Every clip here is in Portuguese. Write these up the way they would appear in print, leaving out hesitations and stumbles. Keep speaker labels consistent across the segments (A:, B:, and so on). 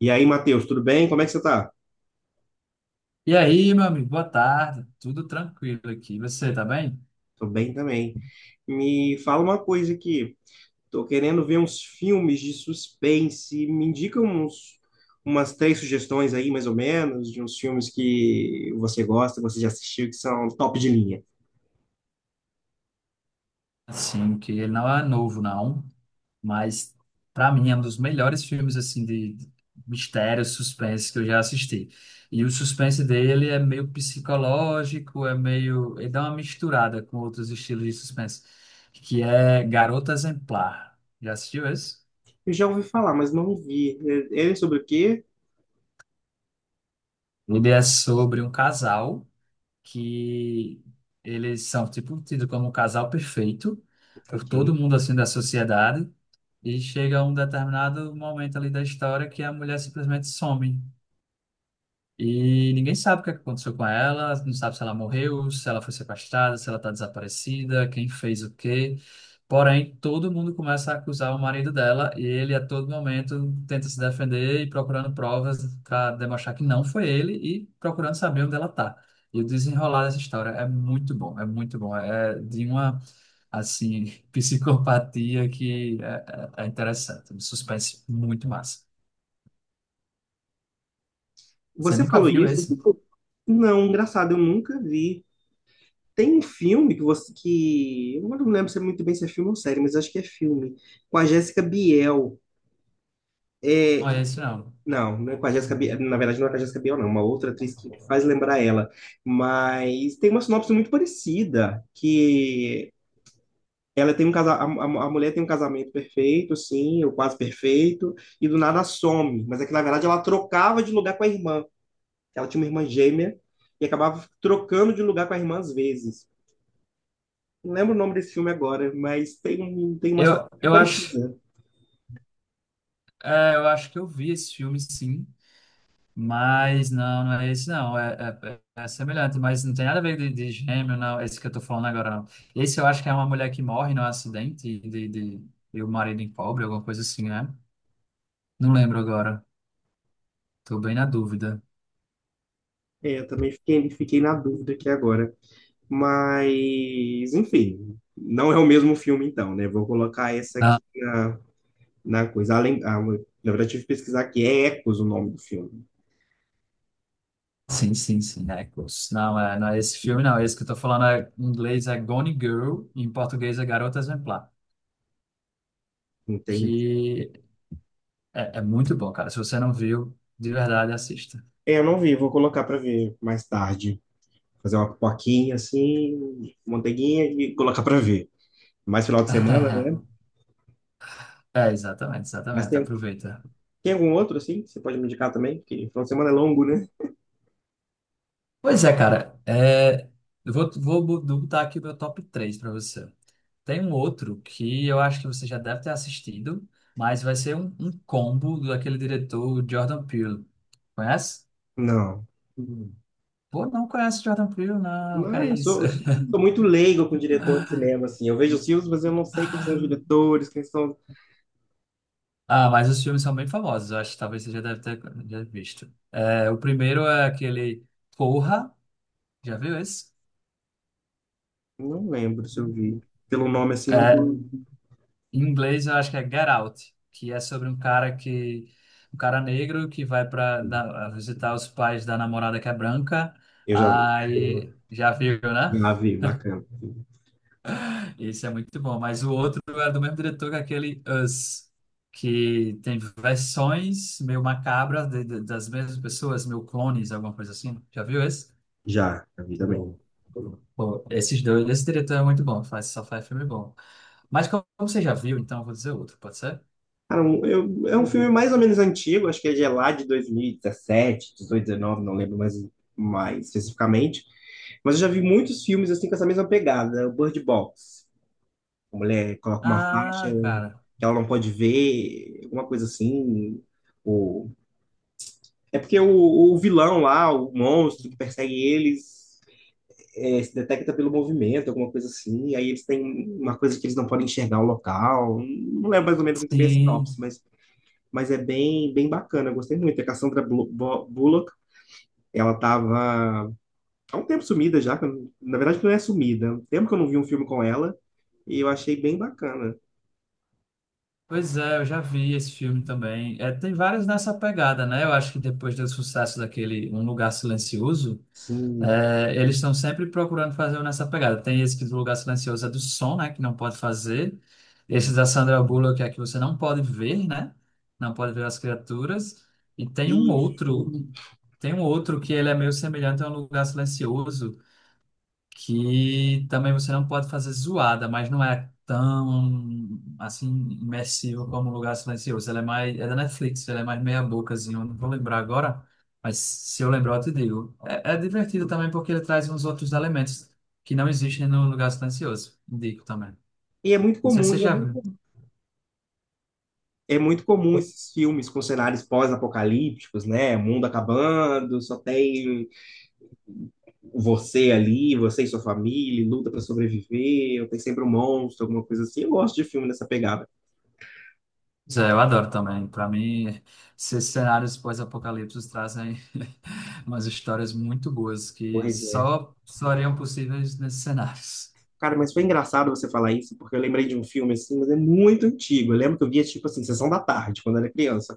A: E aí, Matheus, tudo bem? Como é que você tá?
B: E aí, meu amigo, boa tarde. Tudo tranquilo aqui. Você tá bem?
A: Tô bem também. Me fala uma coisa aqui. Tô querendo ver uns filmes de suspense. Me indica uns, umas três sugestões aí, mais ou menos, de uns filmes que você gosta, você já assistiu, que são top de linha.
B: Assim, que ele não é novo, não, mas para mim é um dos melhores filmes assim de mistério, suspense que eu já assisti. E o suspense dele é meio psicológico, é meio, ele dá uma misturada com outros estilos de suspense, que é Garota Exemplar. Já assistiu esse?
A: Eu já ouvi falar, mas não vi. Ele é sobre o quê?
B: Ele é sobre um casal que eles são tipo tidos como o casal perfeito por
A: Ok.
B: todo mundo assim da sociedade e chega um determinado momento ali da história que a mulher simplesmente some. E ninguém sabe o que é que aconteceu com ela, não sabe se ela morreu, se ela foi sequestrada, se ela está desaparecida, quem fez o quê. Porém, todo mundo começa a acusar o marido dela e ele a todo momento tenta se defender e procurando provas para demonstrar que não foi ele e procurando saber onde ela está. E o desenrolar dessa história é muito bom, é muito bom. É de uma, assim, psicopatia que é interessante. Um suspense muito massa. Você
A: Você
B: nunca
A: falou
B: viu
A: isso?
B: esse?
A: Não, engraçado, eu nunca vi. Tem um filme que você que eu não lembro se é muito bem se é filme ou série, mas acho que é filme, com a Jéssica Biel. É,
B: Não é esse, não.
A: não, não é com a Jéssica Biel, na verdade não é com a Jéssica Biel, não, é uma outra atriz que faz lembrar ela. Mas tem uma sinopse muito parecida, que ela tem um casa, a mulher tem um casamento perfeito, sim, ou quase perfeito, e do nada some. Mas é que na verdade ela trocava de lugar com a irmã. Ela tinha uma irmã gêmea e acabava trocando de lugar com a irmã às vezes. Não lembro o nome desse filme agora, mas tem, tem uma
B: Eu,
A: sinopse muito
B: eu acho,
A: parecida.
B: é, eu acho que eu vi esse filme, sim, mas não, não é esse, não. É, é semelhante, mas não tem nada a ver de gêmeo, não. Esse que eu tô falando agora, não. Esse eu acho que é uma mulher que morre num acidente e o marido encobre, alguma coisa assim, né? Não lembro agora. Tô bem na dúvida.
A: É, eu também fiquei na dúvida aqui agora. Mas, enfim, não é o mesmo filme, então, né? Vou colocar essa
B: Ah,
A: aqui na, na coisa. Além, ah, na verdade, tive que pesquisar aqui. É Ecos o nome do filme,
B: sim, Echoes. Não, é, não é esse filme, não. Esse que eu tô falando é, em inglês é Gone Girl, em português é Garota Exemplar.
A: entende?
B: Que é, é muito bom, cara. Se você não viu, de verdade, assista.
A: É, eu não vi, vou colocar para ver mais tarde. Fazer uma pipoquinha assim, manteiguinha e colocar para ver. Mais final de semana, né?
B: É, exatamente,
A: Mas
B: exatamente.
A: tem,
B: Aproveita.
A: tem algum outro assim que você pode me indicar também? Porque final de semana é longo, né?
B: Pois é, cara. É, eu vou, botar aqui o meu top 3 para você. Tem um outro que eu acho que você já deve ter assistido, mas vai ser um combo daquele diretor Jordan Peele. Conhece?
A: Não.
B: Hum. Pô, não conhece Jordan Peele, não, que
A: Não,
B: é
A: eu sou,
B: isso.
A: eu sou sou muito leigo com diretor de cinema, assim. Eu vejo os filmes, mas eu não sei quem são os diretores, quem são.
B: Ah, mas os filmes são bem famosos, eu acho que talvez você já deve ter já visto. É, o primeiro é aquele Corra. Já viu isso?
A: Não lembro se eu vi. Pelo nome assim, não.
B: É, em inglês eu acho que é Get Out, que é sobre um cara que um cara negro que vai para visitar os pais da namorada que é branca.
A: Eu já vi.
B: Aí já viu, né?
A: Já vi, bacana.
B: Isso é muito bom, mas o outro é do mesmo diretor que é aquele Us, que tem versões meio macabras das mesmas pessoas, meio clones, alguma coisa assim. Já viu esse?
A: Já, já vi também.
B: Bom, pô, esses dois, esse diretor é muito bom, faz, só faz filme bom. Mas como você já viu, então eu vou dizer outro, pode ser?
A: Cara, é um filme mais ou menos antigo, acho que é de lá de 2017, 18, 19, não lembro mais, mais especificamente. Mas eu já vi muitos filmes assim com essa mesma pegada, né? O Bird Box. A mulher coloca uma faixa
B: Ah, cara,
A: que ela não pode ver, alguma coisa assim. O É porque o vilão lá, o monstro que persegue eles, é, se detecta pelo movimento, alguma coisa assim, e aí eles têm uma coisa que eles não podem enxergar o local. Não lembro mais ou menos muito bem a sinopse,
B: sim.
A: mas é bem, bem bacana, eu gostei muito. A Bullock, ela tava há um tempo sumida já, na verdade não é sumida, há um tempo que eu não vi um filme com ela, e eu achei bem bacana.
B: Pois é, eu já vi esse filme também. É, tem vários nessa pegada, né? Eu acho que depois do sucesso daquele Um Lugar Silencioso,
A: Sim.
B: é, eles estão sempre procurando fazer um nessa pegada. Tem esse que do Lugar Silencioso é do som, né? Que não pode fazer.
A: É.
B: Esse da Sandra Bullock é que você não pode ver, né? Não pode ver as criaturas. E
A: E,
B: tem um outro que ele é meio semelhante a Um Lugar Silencioso que também você não pode fazer zoada, mas não é tão assim imersivo como um Lugar Silencioso. Ela é mais é da Netflix, ela é mais meia bocazinha, eu não vou lembrar agora, mas se eu lembrar eu te digo. É, é divertido também porque ele traz uns outros elementos que não existem no Lugar Silencioso. Indico também.
A: e é muito
B: Não sei se
A: comum,
B: você E é já muito viu.
A: é muito comum esses filmes com cenários pós-apocalípticos, né? Mundo acabando, só tem você ali, você e sua família, luta pra sobreviver, ou tem sempre um monstro, alguma coisa assim. Eu gosto de filme nessa pegada.
B: Zé, eu adoro também. Para mim, esses cenários pós-apocalípticos trazem umas histórias muito boas que
A: Pois é.
B: só seriam possíveis nesses cenários.
A: Cara, mas foi engraçado você falar isso, porque eu lembrei de um filme assim, mas é muito antigo. Eu lembro que eu via, tipo assim, Sessão da Tarde, quando eu era criança.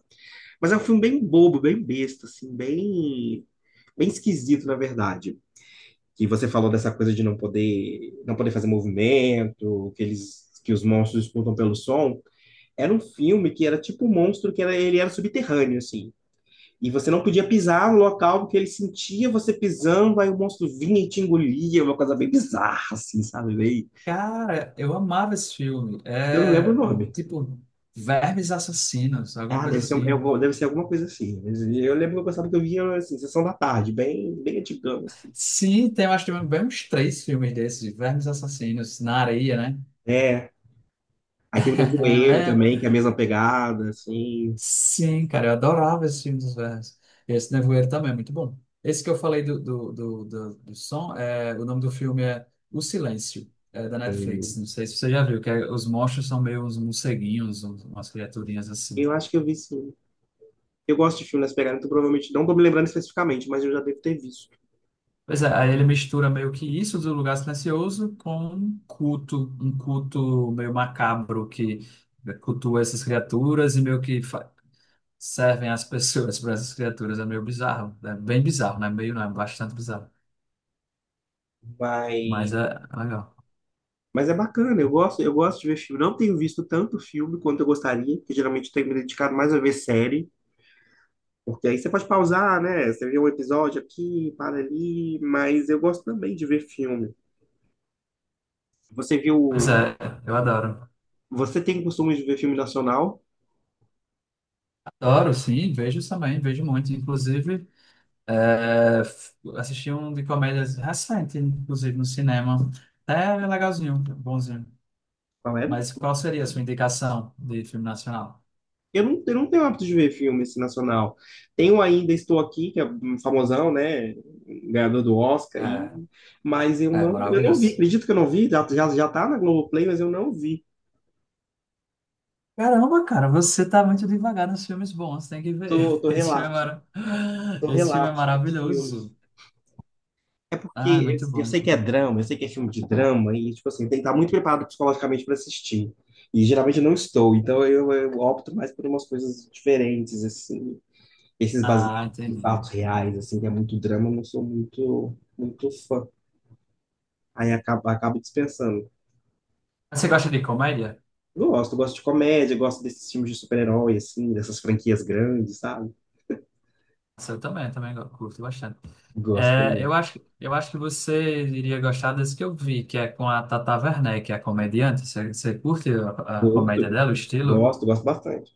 A: Mas é um filme bem bobo, bem besta, assim, bem, bem esquisito, na verdade. E você falou dessa coisa de não poder, não poder fazer movimento, que eles, que os monstros disputam pelo som. Era um filme que era tipo um monstro que era, ele era subterrâneo, assim. E você não podia pisar no local porque ele sentia você pisando, aí o monstro vinha e te engolia, uma coisa bem bizarra, assim, sabe? Bem.
B: Cara, eu amava esse filme.
A: Eu não lembro o
B: É
A: nome.
B: tipo Vermes Assassinos, alguma
A: Ah,
B: coisa
A: deve ser,
B: assim.
A: deve ser alguma coisa assim. Mas eu lembro que eu gostava que eu via, assim, Sessão da Tarde, bem, bem antigão, assim.
B: Sim, tem, eu acho que tem bem uns três filmes desses, de Vermes Assassinos, na areia, né?
A: É. Aí tem o Nevoeiro
B: É,
A: também, que é a mesma pegada, assim.
B: sim, cara, eu adorava esse filme dos vermes. E esse Nevoeiro também é muito bom. Esse que eu falei do som, é, o nome do filme é O Silêncio, é da Netflix.
A: Hum.
B: Não sei se você já viu, que é- os monstros são meio uns morceguinhos, uns- umas criaturinhas assim.
A: Eu acho que eu vi sim. Eu gosto de filmes nessa pegada, então provavelmente não tô me lembrando especificamente, mas eu já devo ter visto.
B: Pois é, aí ele mistura meio que isso do lugar silencioso com um culto meio macabro que cultua essas criaturas e meio que fa- servem as pessoas para essas criaturas. É meio bizarro, é bem bizarro, né? Meio não, é bastante bizarro,
A: Mas
B: mas é legal.
A: Mas é bacana, eu gosto de ver filme. Não tenho visto tanto filme quanto eu gostaria, porque geralmente tenho me dedicado mais a ver série, porque aí você pode pausar, né? Você vê um episódio aqui, para ali, mas eu gosto também de ver filme. Você
B: Pois
A: viu.
B: é, eu adoro.
A: Você tem costume de ver filme nacional?
B: Adoro, sim, vejo também, vejo muito. Inclusive, é, f- assisti um de comédias recente, inclusive no cinema. Até legalzinho, bonzinho.
A: Qual é?
B: Mas qual seria a sua indicação de filme nacional?
A: Eu não tenho hábito de ver filme assim, nacional. Tenho ainda Estou Aqui, que é um famosão, né? Ganhador do Oscar, e...
B: É,
A: mas
B: é
A: eu não vi.
B: maravilhoso.
A: Acredito que eu não vi, já tá na Globoplay, mas eu não vi.
B: Caramba, cara, você tá muito devagar nos filmes bons, tem que ver.
A: Tô
B: Esse filme é,
A: relapso.
B: mara...
A: São
B: Esse filme é
A: relapsos dos filmes.
B: maravilhoso.
A: É
B: Ah, é
A: porque
B: muito
A: eu
B: bom,
A: sei
B: muito
A: que é
B: bom.
A: drama, eu sei que é filme de drama, e, tipo assim, tem que estar muito preparado psicologicamente para assistir. E geralmente eu não estou, então eu opto mais por umas coisas diferentes, assim. Esses baseados
B: Ah,
A: em
B: entendi.
A: fatos reais, assim, que é muito drama, eu não sou muito, muito fã. Acabo dispensando.
B: Você gosta de comédia?
A: Gosto, gosto de comédia, gosto desses filmes de super-herói, assim, dessas franquias grandes, sabe?
B: Eu também, também go- curto bastante.
A: Gosto
B: É,
A: também.
B: eu acho que você iria gostar desse que eu vi, que é com a Tata Werneck, que é a comediante. Você, você curte a
A: Gosto,
B: comédia dela, o estilo?
A: gosto, gosto bastante.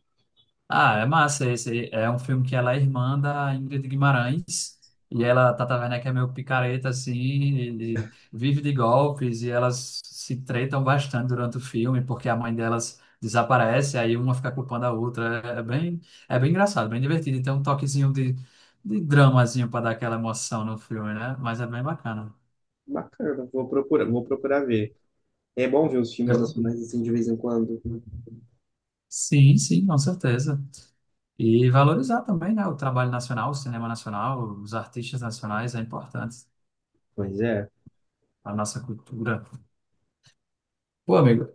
B: Ah, é massa esse. É um filme que ela é irmã da Ingrid Guimarães. E ela, Tata Werneck, é meio picareta, assim, e vive de golpes, e elas se tretam bastante durante o filme, porque a mãe delas desaparece, aí uma fica culpando a outra. É bem, é bem engraçado, bem divertido. E tem um toquezinho de dramazinho para dar aquela emoção no filme, né? Mas é bem bacana.
A: Bacana, vou procurar ver. É bom ver os filmes nacionais
B: Eu-
A: assim de vez em quando.
B: sim, sim, com certeza. E valorizar também, né, o trabalho nacional, o cinema nacional, os artistas nacionais é importante.
A: Pois é,
B: A nossa cultura. Pô, amigo,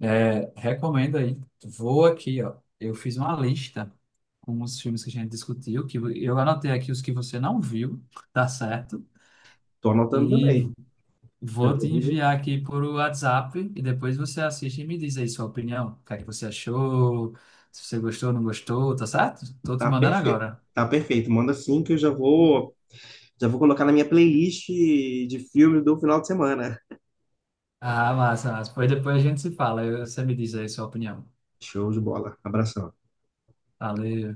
B: é, recomendo aí. Vou aqui, ó. Eu fiz uma lista com os filmes que a gente discutiu, que eu anotei aqui os que você não viu, tá certo?
A: tô anotando
B: E
A: também. Meu
B: vou te
A: poder
B: enviar aqui por WhatsApp e depois você assiste e me diz aí sua opinião. O que é que você achou, se você gostou, não gostou, tá certo? Tô te
A: tá
B: mandando
A: perfeito.
B: agora.
A: Tá perfeito. Manda assim que já vou colocar na minha playlist de filmes do final de semana.
B: Ah, massa, massa. Pois depois a gente se fala. Eu- você me diz aí sua opinião.
A: Show de bola. Abração.
B: Valeu.